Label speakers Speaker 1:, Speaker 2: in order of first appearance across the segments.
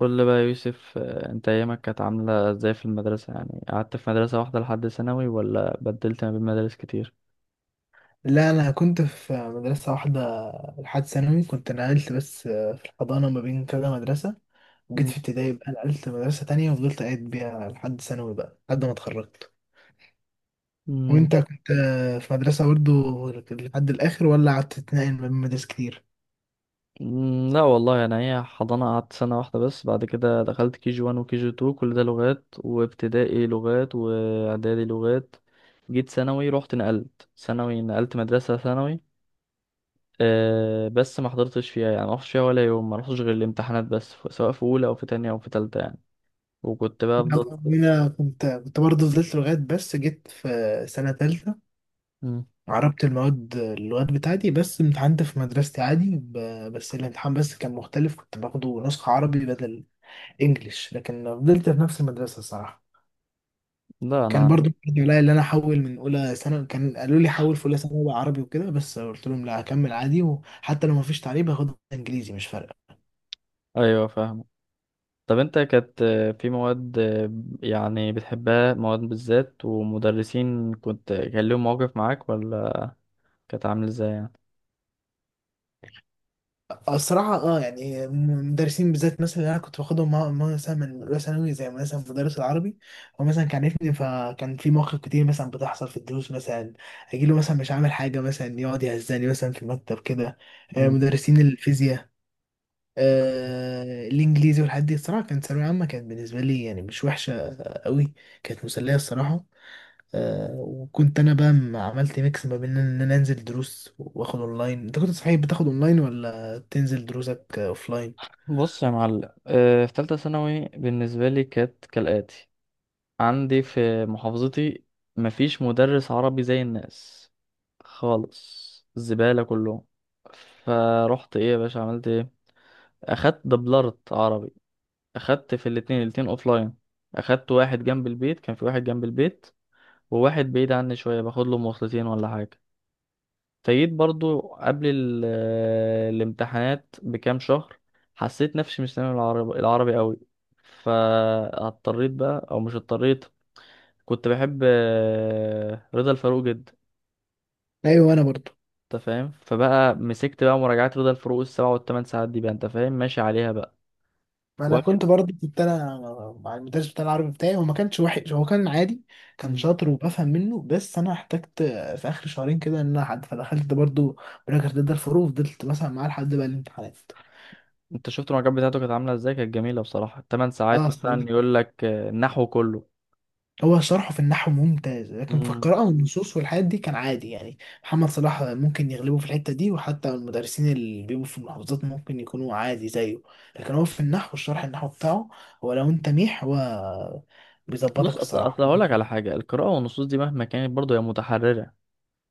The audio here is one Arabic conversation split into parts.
Speaker 1: قول لي بقى يا يوسف، انت ايامك كانت عاملة ازاي في المدرسة؟ يعني قعدت في مدرسة واحدة لحد ثانوي، ولا بدلت ما بين مدارس كتير؟
Speaker 2: لا، انا كنت في مدرسه واحده لحد ثانوي. كنت نقلت بس في الحضانه ما بين كذا مدرسه. وجيت
Speaker 1: مم.
Speaker 2: في ابتدائي بقى نقلت مدرسه تانية وفضلت قاعد بيها لحد ثانوي بقى لحد ما اتخرجت.
Speaker 1: مم.
Speaker 2: وانت كنت في مدرسه برضو لحد الاخر، ولا قعدت تتنقل ما بين مدارس كتير؟
Speaker 1: لا والله، انا هي حضانة قعدت سنة واحدة بس، بعد كده دخلت كي جي 1 وكي جي 2، كل ده لغات، وابتدائي لغات، واعدادي لغات. جيت ثانوي رحت نقلت، ثانوي نقلت مدرسة ثانوي. أه بس ما حضرتش فيها، يعني ما رحتش فيها ولا يوم، ما رحتش غير الامتحانات بس، سواء في اولى او في تانية او في تالتة يعني. وكنت بقى افضل.
Speaker 2: انا كنت برضو فضلت لغايه، بس جيت في سنه تالتة.
Speaker 1: مم.
Speaker 2: عربت المواد اللغات بتاعتي، بس امتحنت في مدرستي عادي، بس الامتحان بس كان مختلف، كنت باخده نسخة عربي بدل انجليش، لكن فضلت في نفس المدرسه الصراحه.
Speaker 1: لا
Speaker 2: كان
Speaker 1: انا.
Speaker 2: برضو عليا اللي انا احول من اولى ثانوي، كان قالوا لي حول في اولى ثانوي بقى عربي وكده، بس قلت لهم لا، هكمل عادي، وحتى لو ما فيش تعليم هاخد انجليزي مش فارقه.
Speaker 1: ايوه فاهم. طب انت كانت في مواد يعني بتحبها، مواد بالذات، ومدرسين كنت كان لهم مواقف معاك ولا، كانت عامل ازاي يعني؟
Speaker 2: الصراحه يعني مدرسين بالذات مثلا اللي انا كنت باخدهم مثلا من اولى ثانوي زي مثلا مدرس العربي. هو مثلا كان عارفني، فكان في مواقف كتير مثلا بتحصل في الدروس مثلا. اجي له مثلا مش عامل حاجه، مثلا يقعد يهزني مثلا في المكتب كده.
Speaker 1: مم.
Speaker 2: مدرسين الفيزياء، الانجليزي والحاجات دي، الصراحه كانت ثانويه عامه، كانت بالنسبه لي يعني مش وحشه قوي. كانت مسليه الصراحه. وكنت انا بقى عملت ميكس ما بين ان انا انزل دروس واخد اونلاين. انت كنت صحيح بتاخد اونلاين ولا تنزل دروسك اوفلاين؟
Speaker 1: بص يا معلم، في تالتة ثانوي بالنسبة لي كانت كالآتي: عندي في محافظتي مفيش مدرس عربي زي الناس خالص، الزبالة كلهم. فروحت، ايه يا باشا، عملت ايه؟ اخدت دبلرت عربي، اخدت في الاتنين، الاتنين اوفلاين. اخدت واحد جنب البيت، كان في واحد جنب البيت، وواحد بعيد عني شوية باخد له مواصلتين ولا حاجة. فجيت برضو قبل الامتحانات بكام شهر، حسيت نفسي مش سامع العربي، العربي قوي. فاضطريت بقى، او مش اضطريت، كنت بحب رضا الفاروق جدا،
Speaker 2: ايوه، انا برضو.
Speaker 1: انت فاهم. فبقى مسكت بقى مراجعات رضا الفاروق السبع والثمان ساعات دي، بقى انت فاهم ماشي عليها بقى
Speaker 2: ما انا كنت
Speaker 1: وقت.
Speaker 2: برضو كنت انا مع المدرس بتاع العربي بتاعي، هو ما كانش وحش، هو كان عادي. كان
Speaker 1: مم.
Speaker 2: شاطر وبفهم منه، بس انا احتجت في اخر شهرين كده ان انا حد، فدخلت برضو براجر ضد الفروق، فضلت مثلا معاه لحد بقى الامتحانات.
Speaker 1: انت شفت المراجعات بتاعته كانت عامله ازاي؟ كانت جميله بصراحه، الثمان ساعات
Speaker 2: اه،
Speaker 1: مثلا يقول لك النحو كله.
Speaker 2: هو شرحه في النحو ممتاز، لكن في القراءة والنصوص والحاجات دي كان عادي يعني. محمد صلاح ممكن يغلبه في الحتة دي، وحتى المدرسين اللي بيبقوا في المحافظات ممكن يكونوا عادي زيه. لكن هو في النحو، الشرح النحو بتاعه، هو لو انت ميح هو
Speaker 1: بص،
Speaker 2: بيظبطك
Speaker 1: اصل
Speaker 2: الصراحة.
Speaker 1: اصل هقول لك على حاجه، القراءه والنصوص دي مهما كانت برضه هي متحرره،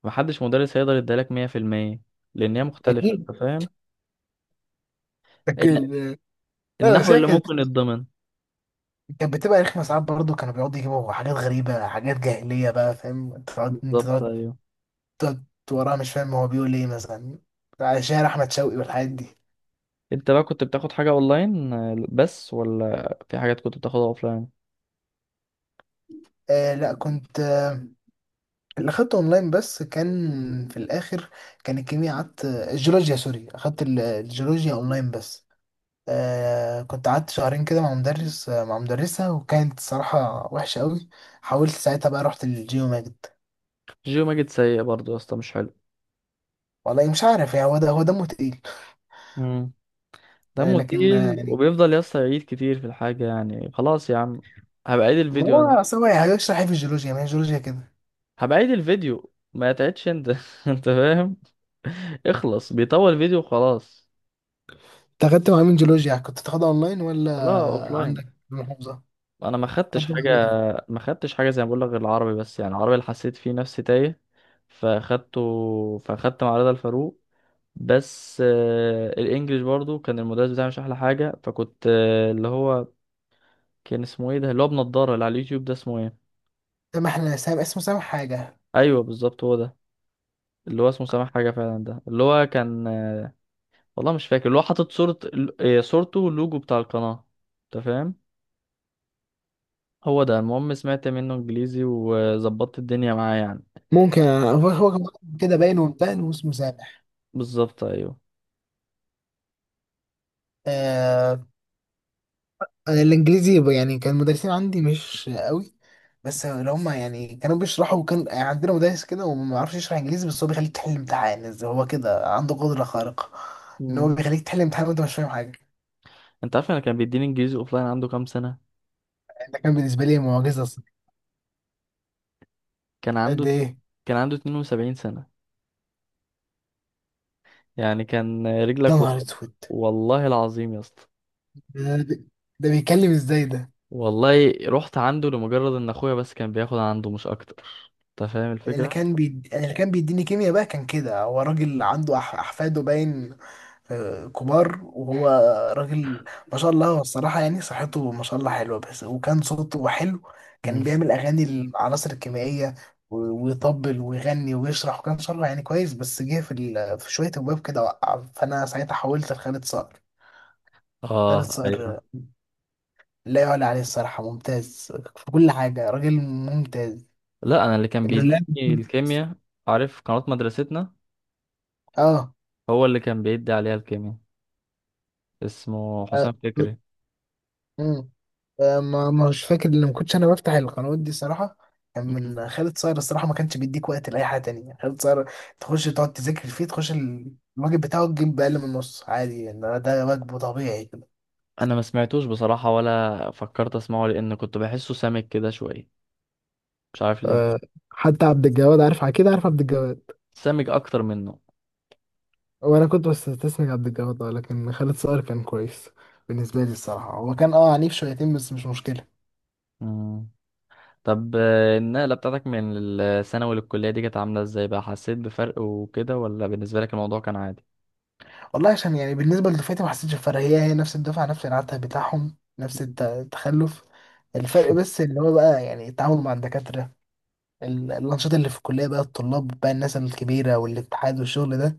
Speaker 1: محدش مدرس هيقدر يديلك 100%، لان هي مختلفه،
Speaker 2: أكيد.
Speaker 1: انت فاهم. الن-
Speaker 2: لكن اه
Speaker 1: النحو اللي
Speaker 2: ساكن،
Speaker 1: ممكن يتضمن.
Speaker 2: كانت بتبقى رخمة ساعات برضه، كانوا بيقعدوا يجيبوا حاجات غريبة، حاجات جاهلية بقى فاهم، انت تقعد انت
Speaker 1: بالظبط
Speaker 2: تقعد
Speaker 1: ايوه.
Speaker 2: تقعد وراها مش فاهم هو بيقول ايه، مثلا شاعر أحمد شوقي والحاجات دي.
Speaker 1: انت بقى كنت بتاخد حاجه اونلاين بس، ولا في حاجات كنت بتاخدها اوفلاين؟
Speaker 2: لا، كنت اللي اخدته اونلاين بس كان في الاخر، كان الكيمياء، قعدت الجيولوجيا، سوري، اخدت الجيولوجيا اونلاين بس. كنت قعدت شهرين كده مع مدرس، مع مدرسة، وكانت صراحة وحشة قوي. حاولت ساعتها بقى رحت للجيو ماجد.
Speaker 1: جيو ماجد سيء برضه يا اسطى، مش حلو.
Speaker 2: والله مش عارف يعني، هو ده هو دمه تقيل.
Speaker 1: امم دمه
Speaker 2: لكن
Speaker 1: تقيل،
Speaker 2: يعني.
Speaker 1: وبيفضل يا اسطى يعيد كتير في الحاجه، يعني خلاص يا عم، هبقى عيد
Speaker 2: ما
Speaker 1: الفيديو انا.
Speaker 2: هو أصل هو يعني هيشرح ايه في الجيولوجيا؟ ما هي الجيولوجيا كده.
Speaker 1: هبقى عيد الفيديو، ما تعيدش انت انت فاهم. اخلص، بيطول فيديو خلاص.
Speaker 2: انت اخدت مع مين جيولوجيا يعني؟ كنت تاخدها اونلاين ولا
Speaker 1: لا اوف لاين.
Speaker 2: عندك في المحافظة؟
Speaker 1: انا ما خدتش
Speaker 2: اخدت مع
Speaker 1: حاجه.
Speaker 2: مين؟
Speaker 1: ما خدتش حاجه زي ما بقول لك غير العربي بس، يعني العربي اللي حسيت فيه نفسي تايه فاخدته، فاخدت مع رضا الفاروق بس. الانجليش برضو كان المدرس بتاعي مش احلى حاجه، فكنت اللي هو كان اسمه ايه ده؟ اللي هو بنضاره اللي على اليوتيوب ده، اسمه ايه؟
Speaker 2: سامح، اسمه سامح حاجة.
Speaker 1: ايوه بالظبط هو ده، اللي هو اسمه سامح حاجه فعلا. ده اللي هو كان والله مش فاكر، اللي هو حاطط صوره، صورته واللوجو بتاع القناه، انت فاهم. هو ده المهم، سمعت منه انجليزي وظبطت الدنيا معاه يعني.
Speaker 2: ممكن هو كان كده باين ومتان واسمه سامح.
Speaker 1: بالظبط ايوه.
Speaker 2: آه انا الانجليزي، يعني كان المدرسين عندي مش قوي. بس اللي هم يعني كانوا بيشرحوا، كان يعني عندنا مدرس كده وما يعرفش يشرح انجليزي، بس هو بيخليك تحل امتحان إزاي، هو كده عنده قدرة خارقة. ان
Speaker 1: مم.
Speaker 2: هو بيخليك تحل امتحان وانت مش فاهم حاجة.
Speaker 1: انت عارف، انا كان بيديني انجليزي اوفلاين عنده كام سنة؟
Speaker 2: يعني ده كان بالنسبة لي معجزة الصراحة.
Speaker 1: كان
Speaker 2: قد
Speaker 1: عنده
Speaker 2: ايه؟
Speaker 1: كان عنده 72 سنة، يعني كان
Speaker 2: يا
Speaker 1: رجلك
Speaker 2: نهار
Speaker 1: والقبر،
Speaker 2: اسود!
Speaker 1: والله العظيم يا اسطى.
Speaker 2: ده ده بيتكلم ازاي ده؟
Speaker 1: والله رحت عنده لمجرد ان اخويا بس كان بياخد عنده، مش اكتر، انت فاهم الفكرة.
Speaker 2: أنا اللي كان بيديني كيمياء بقى، كان كده، هو راجل عنده احفاده باين، كبار، وهو راجل ما شاء الله. هو الصراحة يعني صحته ما شاء الله حلوة، بس وكان صوته حلو. كان
Speaker 1: مم.
Speaker 2: بيعمل أغاني للعناصر الكيميائية و- ويطبل ويغني ويشرح، وكان شرح يعني كويس، بس جه في، في شوية أبواب كده وقع، فأنا ساعتها حولت لخالد صقر. خالد
Speaker 1: اه
Speaker 2: صقر،
Speaker 1: ايوه.
Speaker 2: لا يعلى عليه الصراحة، ممتاز في كل حاجة، راجل ممتاز.
Speaker 1: لا انا اللي كان
Speaker 2: الولاد.
Speaker 1: بيديني الكيمياء، عارف قناة مدرستنا؟
Speaker 2: اه
Speaker 1: هو اللي كان بيدي عليها الكيمياء، اسمه حسام فكري.
Speaker 2: مم. ما مش فاكر ان ما كنتش انا بفتح القنوات دي صراحه. كان
Speaker 1: مم.
Speaker 2: من خالد صاير الصراحه، ما كانش بيديك وقت لاي حاجه تانية خالد صاير. تخش تقعد تذاكر فيه، تخش الواجب بتاعه تجيب باقل من النص عادي يعني، ده واجبه طبيعي كده.
Speaker 1: انا ما سمعتوش بصراحة، ولا فكرت اسمعه، لان كنت بحسه سامج كده شوية، مش عارف ليه.
Speaker 2: آه، حتى عبد الجواد، عارف، اكيد عارف عبد الجواد.
Speaker 1: سامج اكتر منه.
Speaker 2: وانا كنت بستسمع عبد الجواد، لكن خالد صقر كان كويس. بالنسبه لي الصراحه، هو كان عنيف شويتين بس مش مشكله.
Speaker 1: مم. طب النقلة بتاعتك من الثانوي للكلية دي كانت عاملة ازاي بقى؟ حسيت بفرق وكده، ولا بالنسبة لك الموضوع كان عادي؟
Speaker 2: والله عشان يعني بالنسبة لدفعتي ما حسيتش بفرق، هي نفس الدفعة، نفس العته بتاعهم، نفس التخلف. الفرق بس اللي هو بقى يعني التعامل مع الدكاترة، الأنشطة اللي في الكلية بقى، الطلاب بقى، الناس الكبيرة والاتحاد والشغل ده.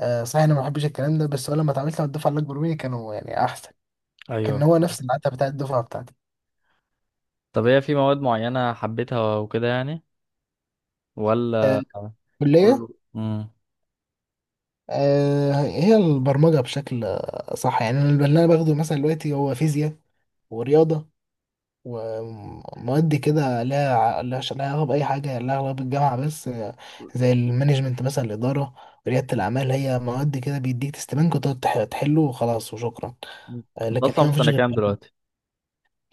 Speaker 2: صحيح، أنا ما بحبش الكلام ده، بس هو لما اتعاملت مع الدفعة اللي أكبر مني كانوا يعني أحسن.
Speaker 1: ايوه.
Speaker 2: كان هو نفس العته بتاع الدفعة بتاعتي.
Speaker 1: طب هي في مواد معينة حبيتها وكده يعني،
Speaker 2: آه،
Speaker 1: ولا
Speaker 2: الكلية
Speaker 1: كله؟ مم.
Speaker 2: هي البرمجة بشكل صح يعني. أنا اللي أنا باخده مثلا دلوقتي هو فيزياء ورياضة ومواد كده لها علاقة بأي حاجة، لها علاقة بالجامعة بس زي المانجمنت مثلا الإدارة، ريادة الأعمال، هي مواد كده بيديك تستبانك وتقعد تحله وخلاص وشكرا.
Speaker 1: انت
Speaker 2: لكن هي
Speaker 1: اصلا في
Speaker 2: مفيش
Speaker 1: سنة
Speaker 2: غير
Speaker 1: كام
Speaker 2: كده.
Speaker 1: دلوقتي؟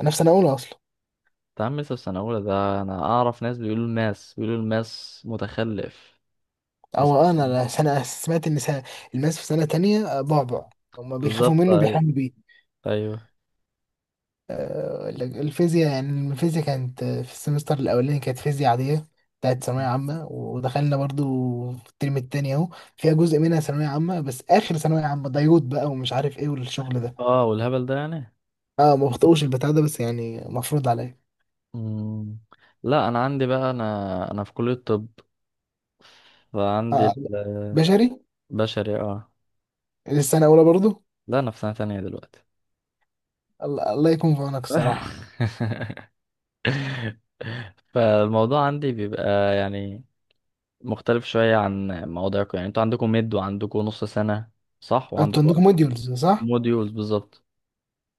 Speaker 2: أنا في سنة أولى أصلا.
Speaker 1: انت عم لسه في سنة أولى؟ ده أنا أعرف ناس بيقولوا الماس، بيقولوا الماس متخلف في
Speaker 2: أو أنا
Speaker 1: سنة.
Speaker 2: سنة، سمعت إن سنة الماس في سنة تانية، بعبع. هما بيخافوا
Speaker 1: بالظبط
Speaker 2: منه،
Speaker 1: أيوه.
Speaker 2: بيحلموا.
Speaker 1: أيوه.
Speaker 2: الفيزياء يعني، الفيزياء كانت في السمستر الأولاني كانت فيزياء عادية بتاعت ثانوية عامة، ودخلنا برضو في الترم التاني أهو، فيها جزء منها ثانوية عامة، بس آخر ثانوية عامة ديود بقى ومش عارف إيه والشغل ده.
Speaker 1: أه والهبل ده يعني.
Speaker 2: أه، ما بخطئوش البتاع ده بس يعني مفروض عليا.
Speaker 1: مم. لا انا عندي بقى، انا في كلية الطب، فعندي
Speaker 2: أه، بشري.
Speaker 1: البشري اه.
Speaker 2: السنة الأولى برضو.
Speaker 1: لا انا في سنة تانية دلوقتي.
Speaker 2: الله، الله يكون في عونك الصراحة.
Speaker 1: فالموضوع عندي بيبقى يعني مختلف شوية عن مواضيعكم، يعني انتوا عندكم ميد وعندكم نص سنة صح،
Speaker 2: أنتوا
Speaker 1: وعندكم
Speaker 2: عندكم موديولز صح؟
Speaker 1: موديولز بالظبط.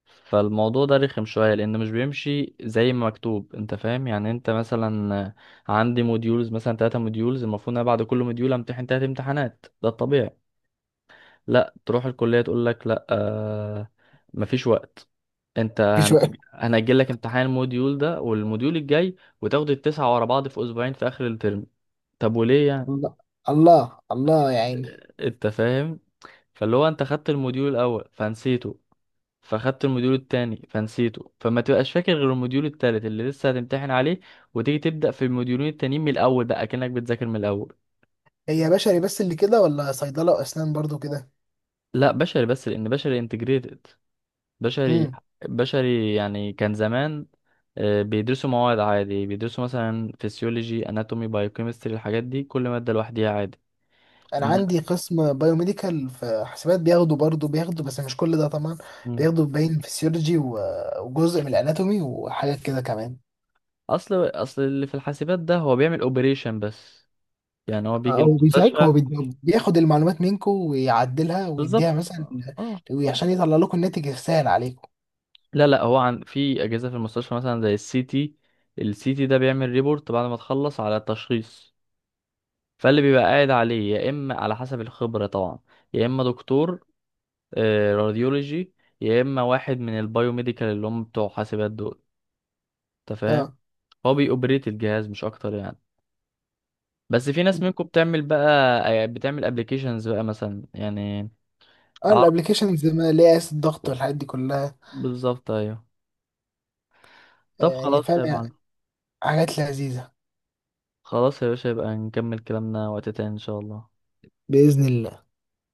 Speaker 1: فالموضوع ده رخم شوية، لأن مش بيمشي زي ما مكتوب، أنت فاهم يعني. أنت مثلا عندي موديولز مثلا 3 موديولز، المفروض أنا بعد كل موديول أمتحن 3 امتحانات، ده الطبيعي. لا، تروح الكلية تقول لك لا، آه مفيش وقت، انت
Speaker 2: في شوية.
Speaker 1: هنأجل لك امتحان الموديول ده والموديول الجاي، وتاخد التسعة ورا بعض في اسبوعين في اخر الترم. طب وليه يعني؟
Speaker 2: الله الله الله يا عيني.
Speaker 1: انت فاهم. فاللي هو انت خدت الموديول الاول فنسيته، فخدت الموديول التاني فنسيته، فما تبقاش فاكر غير الموديول التالت اللي لسه هتمتحن عليه، وتيجي تبدأ في الموديولين التانيين من الاول بقى كأنك بتذاكر من الاول.
Speaker 2: هي بشري بس اللي كده ولا صيدلة وأسنان برضو كده؟
Speaker 1: لا بشري بس، لان بشري انتجريتد. بشري
Speaker 2: امم.
Speaker 1: بشري يعني كان زمان بيدرسوا مواد عادي، بيدرسوا مثلا فسيولوجي اناتومي بايوكيمستري الحاجات دي، كل مادة لوحديها عادي.
Speaker 2: انا
Speaker 1: إن
Speaker 2: عندي قسم بايوميديكال في حسابات، بياخدوا برضه بياخدوا بس مش كل ده طبعا.
Speaker 1: مم.
Speaker 2: بياخدوا باين فسيولوجي وجزء من الاناتومي وحاجات كده كمان.
Speaker 1: اصل اللي في الحاسبات ده هو بيعمل اوبريشن بس، يعني هو بيجي
Speaker 2: هو بيساعدك، هو
Speaker 1: المستشفى.
Speaker 2: بياخد المعلومات منكم ويعدلها
Speaker 1: بالظبط
Speaker 2: ويديها مثلا،
Speaker 1: اه.
Speaker 2: عشان يطلع لكم الناتج السهل عليكم.
Speaker 1: لا لا، هو عن في اجهزه في المستشفى، مثلا زي السي تي ده بيعمل ريبورت بعد ما تخلص على التشخيص، فاللي بيبقى قاعد عليه يا اما على حسب الخبره طبعا، يا اما دكتور راديولوجي، يا اما واحد من البايوميديكال اللي هم بتوع حاسبات دول، انت فاهم.
Speaker 2: اه.
Speaker 1: هو بيوبريت الجهاز مش اكتر يعني. بس في ناس منكم بتعمل بقى بتعمل ابلكيشنز بقى مثلا يعني.
Speaker 2: اه،
Speaker 1: اعرف.
Speaker 2: الابلكيشنز اللي هي قياس الضغط والحاجات دي كلها.
Speaker 1: بالظبط ايوه. طب
Speaker 2: يعني
Speaker 1: خلاص
Speaker 2: فاهم
Speaker 1: يا
Speaker 2: يعني،
Speaker 1: معلم.
Speaker 2: حاجات لذيذة.
Speaker 1: خلاص يا باشا، يبقى نكمل كلامنا وقت تاني ان شاء الله.
Speaker 2: بإذن الله.